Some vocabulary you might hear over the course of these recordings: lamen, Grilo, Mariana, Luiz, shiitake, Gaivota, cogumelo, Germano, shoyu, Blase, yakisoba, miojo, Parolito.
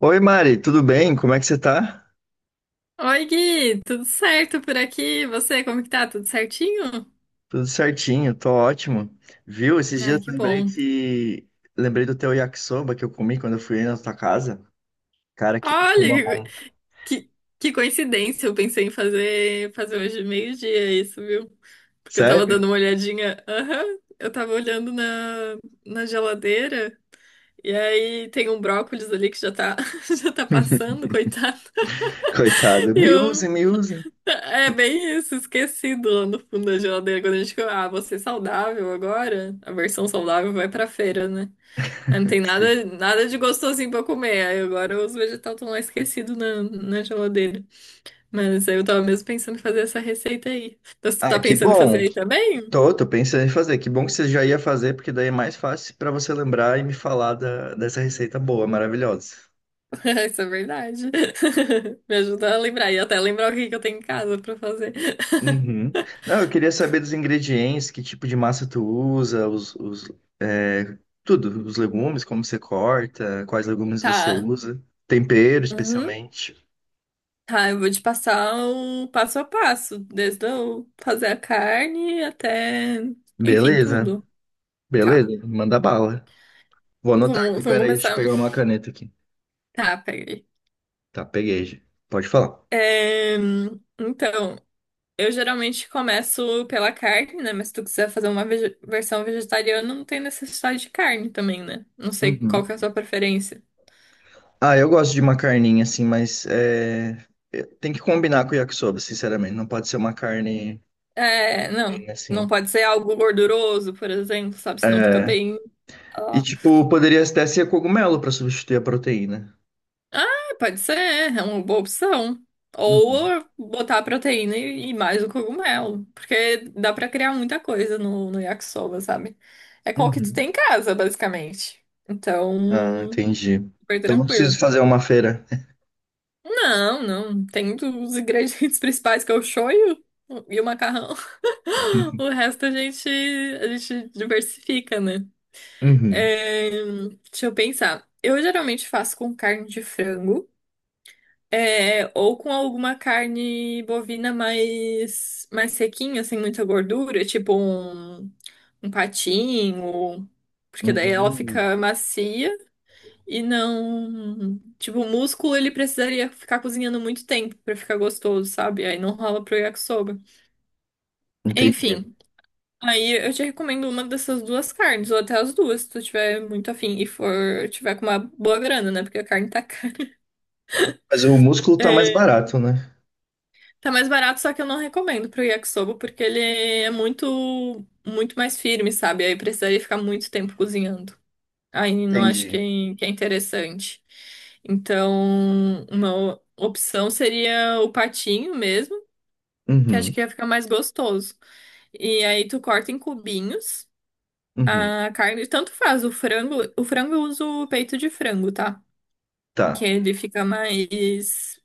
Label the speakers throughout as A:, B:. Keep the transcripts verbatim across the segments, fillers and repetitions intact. A: Oi, Mari, tudo bem? Como é que você tá?
B: Oi, Gui, tudo certo por aqui? E você, como que tá? Tudo certinho?
A: Tudo certinho, tô ótimo. Viu? Esses
B: Ai,
A: dias
B: que
A: lembrei
B: bom.
A: que lembrei do teu yakisoba que eu comi quando eu fui aí na tua casa. Cara, que
B: Olha, que, que, que coincidência, eu pensei em fazer, fazer hoje meio-dia isso, viu? Porque eu tava dando
A: sério?
B: uma olhadinha, aham, eu tava olhando na, na geladeira, e aí tem um brócolis ali que já tá, já tá passando, coitado,
A: Coitado,
B: e
A: me
B: eu...
A: usem, me usem.
B: É bem isso, esquecido lá no fundo da geladeira, quando a gente fica, ah, vou ser saudável agora, a versão saudável vai pra feira, né? Ah, não tem
A: Sim.
B: nada, nada de gostosinho pra comer. Aí agora os vegetais estão lá esquecidos na, na geladeira. Mas aí eu tava mesmo pensando em fazer essa receita aí. Então, você
A: Ah,
B: tá
A: que
B: pensando em fazer
A: bom.
B: aí também?
A: Tô, tô pensando em fazer. Que bom que você já ia fazer, porque daí é mais fácil pra você lembrar e me falar da- dessa receita boa, maravilhosa.
B: Isso é verdade. Me ajuda a lembrar. E até lembrar o que que eu tenho em casa pra fazer.
A: Uhum. Não, eu queria saber dos ingredientes, que tipo de massa tu usa, os, os, é, tudo, os legumes, como você corta, quais legumes você
B: Tá.
A: usa, tempero
B: Uhum.
A: especialmente.
B: Tá, eu vou te passar o passo a passo, desde eu fazer a carne até, enfim,
A: Beleza,
B: tudo. Tá.
A: beleza, manda bala. Vou anotar aqui,
B: Vamos, vamos
A: peraí, deixa eu
B: começar.
A: pegar uma caneta aqui.
B: Tá, peraí.
A: Tá, peguei já. Pode falar.
B: É, então, eu geralmente começo pela carne, né? Mas se tu quiser fazer uma vege- versão vegetariana, não tem necessidade de carne também, né? Não sei qual que é a
A: Uhum.
B: sua preferência.
A: Ah, eu gosto de uma carninha assim, mas é, é, tem que combinar com o yakisoba, sinceramente. Não pode ser uma carne
B: É, não.
A: bem
B: Não
A: assim.
B: pode ser algo gorduroso, por exemplo, sabe? Senão fica
A: É,
B: bem.
A: e,
B: Ó.
A: tipo, poderia até ser cogumelo para substituir a proteína.
B: Ah, pode ser, é uma boa opção.
A: Uhum.
B: Ou botar a proteína e, e mais o cogumelo. Porque dá pra criar muita coisa no, no yakisoba, sabe? É qual que tu
A: Uhum.
B: tem em casa, basicamente.
A: Ah,
B: Então.
A: entendi.
B: Foi
A: Então não
B: tranquilo.
A: preciso fazer uma feira.
B: Não, não. Tem os ingredientes principais que é o shoyu e o macarrão. O resto a gente, a gente diversifica, né?
A: Uhum.
B: É, deixa eu pensar. Eu geralmente faço com carne de frango, é, ou com alguma carne bovina mais, mais sequinha, sem muita gordura, tipo um, um patinho, porque daí ela
A: Uhum.
B: fica macia. E não. Tipo, o músculo ele precisaria ficar cozinhando muito tempo pra ficar gostoso, sabe? Aí não rola pro yakisoba.
A: Entendi.
B: Enfim, aí eu te recomendo uma dessas duas carnes, ou até as duas, se tu tiver muito afim e for tiver com uma boa grana, né? Porque a carne tá cara.
A: Mas o músculo tá mais
B: É,
A: barato, né?
B: tá mais barato, só que eu não recomendo pro yakisoba, porque ele é muito, muito mais firme, sabe? Aí precisaria ficar muito tempo cozinhando. Aí não acho que é,
A: Entendi.
B: que é interessante. Então, uma opção seria o patinho mesmo, que acho
A: Uhum.
B: que ia ficar mais gostoso. E aí tu corta em cubinhos
A: Uhum.
B: a carne, tanto faz, o frango, o frango eu uso o peito de frango, tá? Que
A: Tá.
B: ele fica mais,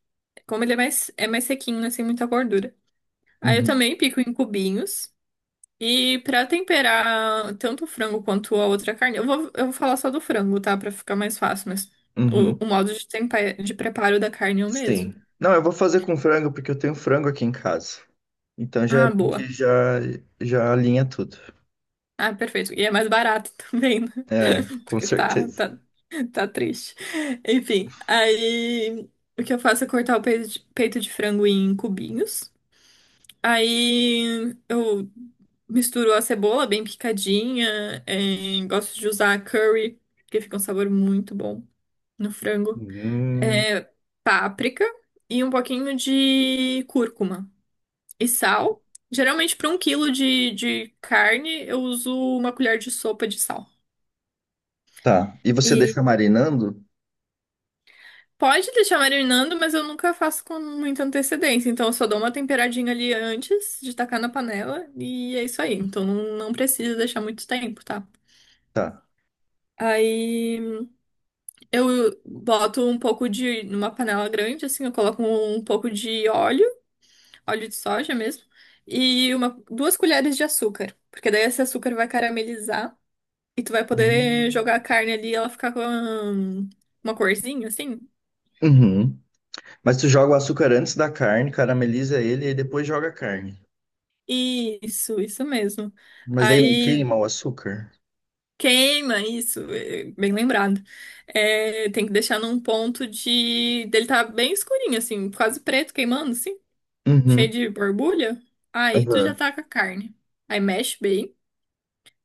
B: como ele é mais, é mais sequinho, não tem muita gordura. Aí eu
A: Uhum.
B: também pico em cubinhos. E pra temperar tanto o frango quanto a outra carne, eu vou, eu vou falar só do frango, tá? Pra ficar mais fácil, mas o,
A: Uhum.
B: o modo de, tempe- de preparo da carne é o mesmo.
A: Sim. Não, eu vou fazer com frango porque eu tenho frango aqui em casa. Então já é
B: Ah,
A: bom
B: boa.
A: que já, já alinha tudo.
B: Ah, perfeito. E é mais barato também, né?
A: É, com
B: Porque tá,
A: certeza.
B: tá, tá triste. Enfim, aí o que eu faço é cortar o peito de, peito de frango em cubinhos. Aí eu misturo a cebola bem picadinha. Eh, gosto de usar curry, porque fica um sabor muito bom no frango.
A: Hum.
B: É, páprica e um pouquinho de cúrcuma e sal. Geralmente, para um quilo de, de carne, eu uso uma colher de sopa de sal.
A: Tá. E você
B: E
A: deixa marinando?
B: pode deixar marinando, mas eu nunca faço com muita antecedência. Então, eu só dou uma temperadinha ali antes de tacar na panela e é isso aí. Então, não, não precisa deixar muito tempo, tá?
A: Tá.
B: Aí eu boto um pouco de, numa panela grande, assim, eu coloco um pouco de óleo. Óleo de soja mesmo, e uma, duas colheres de açúcar, porque daí esse açúcar vai caramelizar e tu vai poder
A: Hum.
B: jogar a carne ali e ela ficar com hum, uma corzinha assim.
A: Uhum. Mas tu joga o açúcar antes da carne, carameliza ele e depois joga a carne.
B: Isso, isso mesmo.
A: Mas daí não
B: Aí
A: queima o açúcar?
B: queima isso, é, bem lembrado. É, tem que deixar num ponto de dele tá bem escurinho assim, quase preto queimando assim, cheio
A: Uhum.
B: de borbulha. Aí tu já
A: Aham.
B: tá com a carne. Aí mexe bem.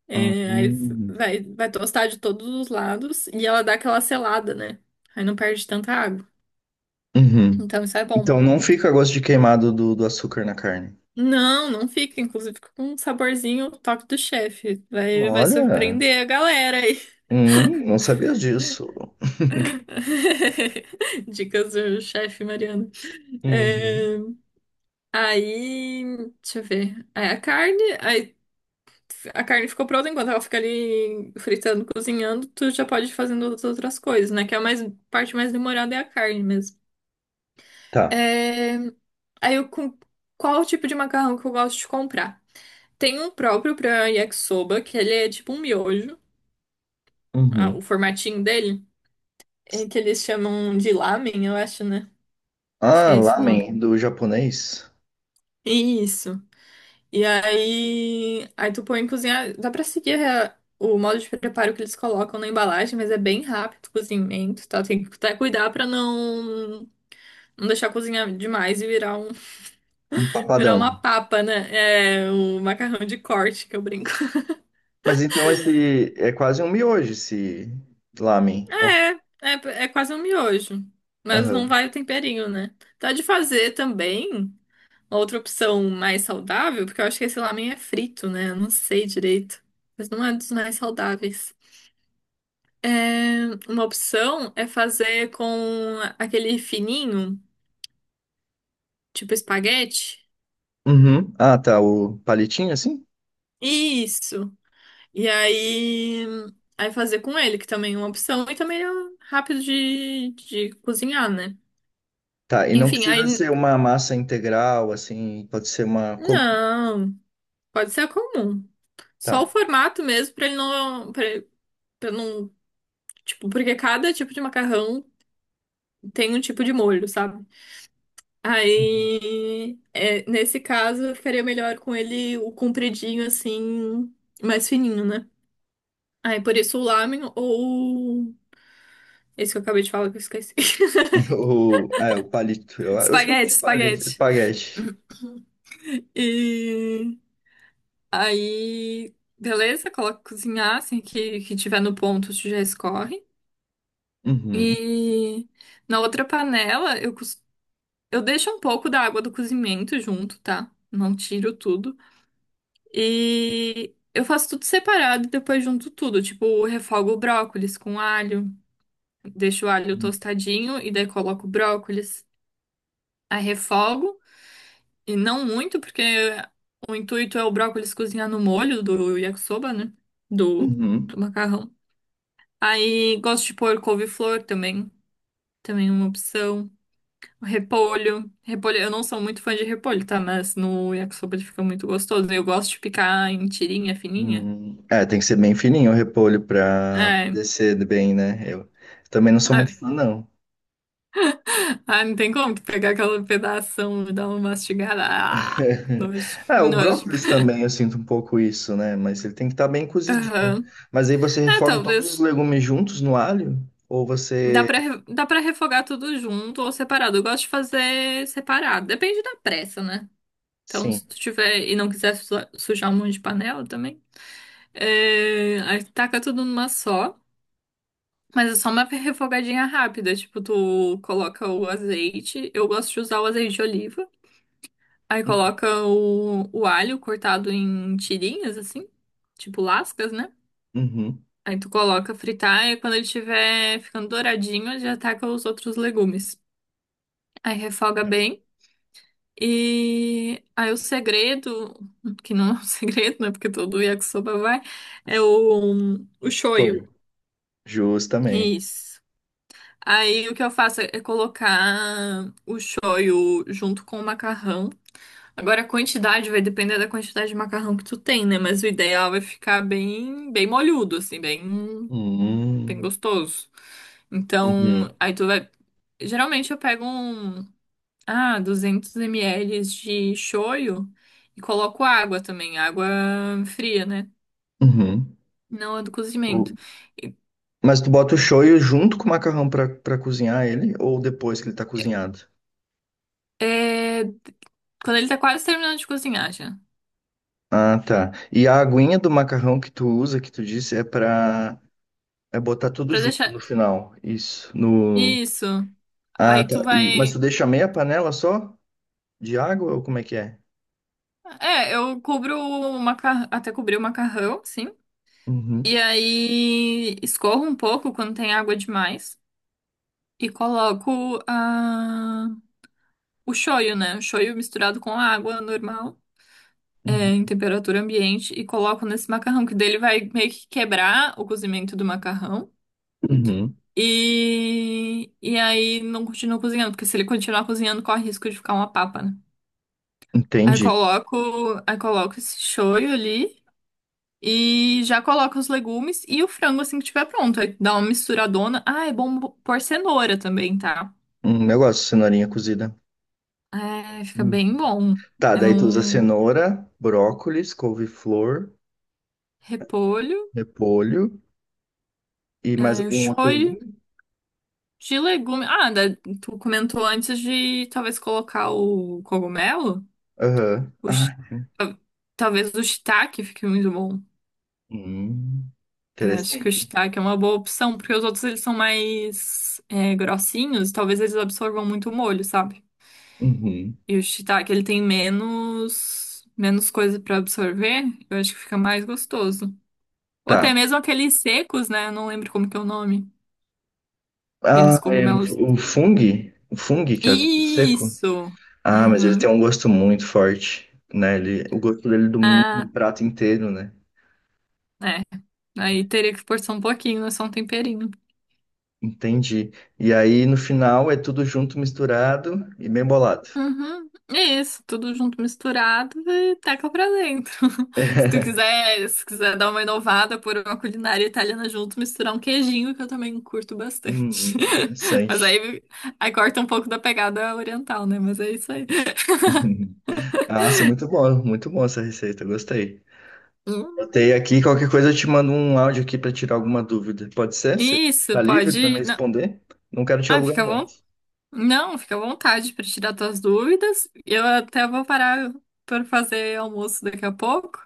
B: É, aí
A: Uhum.
B: vai, vai tostar de todos os lados e ela dá aquela selada, né? Aí não perde tanta água.
A: Uhum.
B: Então isso é bom.
A: Então não fica gosto de queimado do, do açúcar na carne.
B: Não, não fica. Inclusive fica com um saborzinho toque do chefe. Vai, vai
A: Olha,
B: surpreender a galera aí.
A: hum, não sabia disso.
B: Dicas do chefe Mariana.
A: Uhum.
B: É, aí, deixa eu ver. Aí a carne, aí a carne ficou pronta enquanto ela fica ali fritando, cozinhando, tu já pode ir fazendo as outras coisas, né? Que é a mais, parte mais demorada é a carne mesmo.
A: Tá.
B: É, aí eu com qual o tipo de macarrão que eu gosto de comprar? Tem um próprio pra yakisoba, que ele é tipo um miojo, ah,
A: Uhum.
B: o formatinho dele, é que eles chamam de lamen, eu acho, né? Acho que
A: Ah,
B: é esse o nome.
A: lamen do japonês,
B: Isso. E aí, aí tu põe em cozinhar, dá pra seguir a- o modo de preparo que eles colocam na embalagem, mas é bem rápido o cozimento, tá? Tem que até cuidar pra não não deixar cozinhar demais e virar um
A: um
B: virar uma
A: papadão.
B: papa, né? É o macarrão de corte que eu brinco.
A: Mas então esse é quase um miojo, esse lamen.
B: É, é, é quase um miojo, mas não
A: Aham.
B: vai o temperinho, né? Tá de fazer também uma outra opção mais saudável, porque eu acho que esse lamen é frito, né? Eu não sei direito, mas não é dos mais saudáveis. É, uma opção é fazer com aquele fininho, tipo espaguete.
A: Uhum. Ah, tá, o palitinho assim?
B: Isso. E aí, aí fazer com ele, que também é uma opção, e também é rápido de, de cozinhar, né?
A: Tá, e não
B: Enfim,
A: precisa
B: aí.
A: ser uma massa integral, assim, pode ser uma. Como?
B: Não, pode ser a comum. Só o
A: Tá.
B: formato mesmo, pra ele não, pra, pra não, tipo, porque cada tipo de macarrão tem um tipo de molho, sabe?
A: Uhum.
B: Aí, é, nesse caso, ficaria melhor com ele o compridinho, assim, mais fininho, né? Aí, por isso o lamen ou esse que eu acabei de falar que eu esqueci.
A: O, ah, é, o palito. Eu, eu chamo
B: Espaguete,
A: de palito,
B: espaguete.
A: espaguete.
B: E aí, beleza, coloca cozinhar, assim, que, que tiver no ponto, tu já escorre.
A: Uhum.
B: E na outra panela, eu costumo eu deixo um pouco da água do cozimento junto, tá? Não tiro tudo. E eu faço tudo separado e depois junto tudo. Tipo, refogo o brócolis com alho, deixo o alho tostadinho e daí coloco o brócolis. Aí refogo, e não muito, porque o intuito é o brócolis cozinhar no molho do yakisoba, né? Do, do
A: Uhum.
B: macarrão. Aí gosto de pôr couve-flor também, também é uma opção. Repolho. Repolho. Eu não sou muito fã de repolho, tá? Mas no yakisoba ele fica muito gostoso. Eu gosto de picar em tirinha fininha.
A: Uhum. É, tem que ser bem fininho o repolho pra
B: É.
A: descer bem, né? Eu também não sou
B: Ah,
A: muito fã, não.
B: ah, não tem como tu pegar aquela pedação e dar uma mastigada. Ah, nojo,
A: Ah, o
B: nojo.
A: brócolis também eu sinto um pouco isso, né? Mas ele tem que estar bem cozidinho.
B: Aham.
A: Mas aí você
B: É,
A: refoga todos os
B: talvez.
A: legumes juntos no alho? Ou
B: Dá
A: você.
B: pra, re- dá pra refogar tudo junto ou separado. Eu gosto de fazer separado. Depende da pressa, né? Então,
A: Sim.
B: se tu tiver e não quiser su- sujar um monte de panela também, é, aí taca tudo numa só. Mas é só uma refogadinha rápida, tipo, tu coloca o azeite, eu gosto de usar o azeite de oliva, aí
A: Uhum.
B: coloca o, o alho cortado em tirinhas, assim, tipo lascas, né?
A: Uhum.
B: Aí tu coloca fritar e quando ele estiver ficando douradinho, já taca os outros legumes. Aí refoga bem. E aí o segredo, que não é um segredo, né? Porque todo yakisoba vai, é o, o shoyu.
A: Foi. Jus também.
B: Isso. Aí o que eu faço é colocar o shoyu junto com o macarrão. Agora a quantidade vai depender da quantidade de macarrão que tu tem, né? Mas o ideal é ficar bem, bem molhudo, assim, bem, bem
A: Hum,
B: gostoso.
A: uhum,
B: Então, aí tu vai. Geralmente eu pego um, ah, duzentos mililitros de shoyu e coloco água também, água fria, né?
A: uhum.
B: Não a do
A: O-
B: cozimento.
A: Mas tu bota o shoyu junto com o macarrão pra, pra cozinhar ele ou depois que ele tá cozinhado?
B: É... Quando ele tá quase terminando de cozinhar já.
A: Ah, tá. E a aguinha do macarrão que tu usa, que tu disse, é pra é botar tudo
B: Pra
A: junto
B: deixar
A: no final. Isso, no...
B: isso.
A: Ah,
B: Aí
A: tá.
B: tu
A: E, mas tu
B: vai.
A: deixa meia panela só de água ou como é que é?
B: É, eu cubro o macarrão, até cobrir o macarrão, sim. E
A: Uhum,
B: aí escorro um pouco quando tem água demais. E coloco a... o shoyu, né? O shoyu misturado com água normal, é,
A: uhum,
B: em temperatura ambiente. E coloco nesse macarrão, que dele vai meio que quebrar o cozimento do macarrão.
A: uhum.
B: E, e aí não continua cozinhando, porque se ele continuar cozinhando, corre risco de ficar uma papa, né? Aí
A: Entendi.
B: coloco, aí coloco esse shoyu ali. E já coloca os legumes e o frango assim que tiver pronto. Aí dá uma misturadona. Ah, é bom pôr cenoura também, tá?
A: Hum, eu gosto de cenourinha cozida.
B: É, fica bem
A: Uhum.
B: bom.
A: Tá,
B: É
A: daí tu usa
B: um
A: cenoura, brócolis, couve-flor,
B: repolho,
A: repolho e mais
B: é o
A: algum outro
B: shoyu
A: legume?
B: de legume. Ah, da- tu comentou antes de talvez colocar o cogumelo.
A: Aham.
B: O shi-
A: Ah,
B: ta- Talvez o shiitake fique muito bom.
A: hum,
B: Eu acho que o
A: interessante.
B: shiitake é uma boa opção, porque os outros eles são mais é, grossinhos. Talvez eles absorvam muito o molho, sabe?
A: Uhum.
B: E o shiitake, ele tem menos, menos coisa pra absorver. Eu acho que fica mais gostoso. Ou até
A: Tá.
B: mesmo aqueles secos, né? Eu não lembro como que é o nome. Aqueles
A: Ah, é,
B: cogumelos.
A: o fungo, o fungo que é o seco.
B: Isso!
A: Ah, mas ele tem
B: Uhum.
A: um gosto muito forte, né? Ele, o gosto dele domina o
B: Ah,
A: prato inteiro, né?
B: é. Aí teria que forçar um pouquinho, é só um temperinho.
A: Entendi. E aí no final é tudo junto, misturado e bem bolado.
B: Uhum. É isso, tudo junto misturado e teca pra dentro. Se tu quiser, se quiser dar uma inovada por uma culinária italiana junto, misturar um queijinho, que eu também curto bastante.
A: Hum,
B: Mas
A: interessante.
B: aí, aí corta um pouco da pegada oriental, né? Mas é isso aí.
A: Nossa, muito bom, muito bom essa receita, gostei.
B: Hum.
A: Anotei aqui, qualquer coisa eu te mando um áudio aqui para tirar alguma dúvida. Pode ser? Você
B: Isso,
A: tá livre para me
B: pode. Não.
A: responder? Não quero te
B: Ah,
A: alugar
B: fica à
A: muito.
B: Não, fica à vontade para tirar tuas dúvidas. Eu até vou parar para fazer almoço daqui a pouco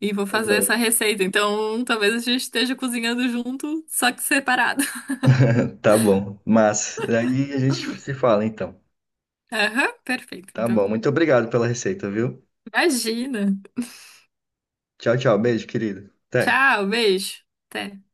B: e vou fazer
A: Aham.
B: essa receita. Então, talvez a gente esteja cozinhando junto, só que separado.
A: Tá bom, mas aí a gente se fala então.
B: Aham, perfeito.
A: Tá bom,
B: Então,
A: muito obrigado pela receita, viu?
B: imagina.
A: Tchau, tchau, beijo, querido. Até.
B: Tchau, beijo. Até.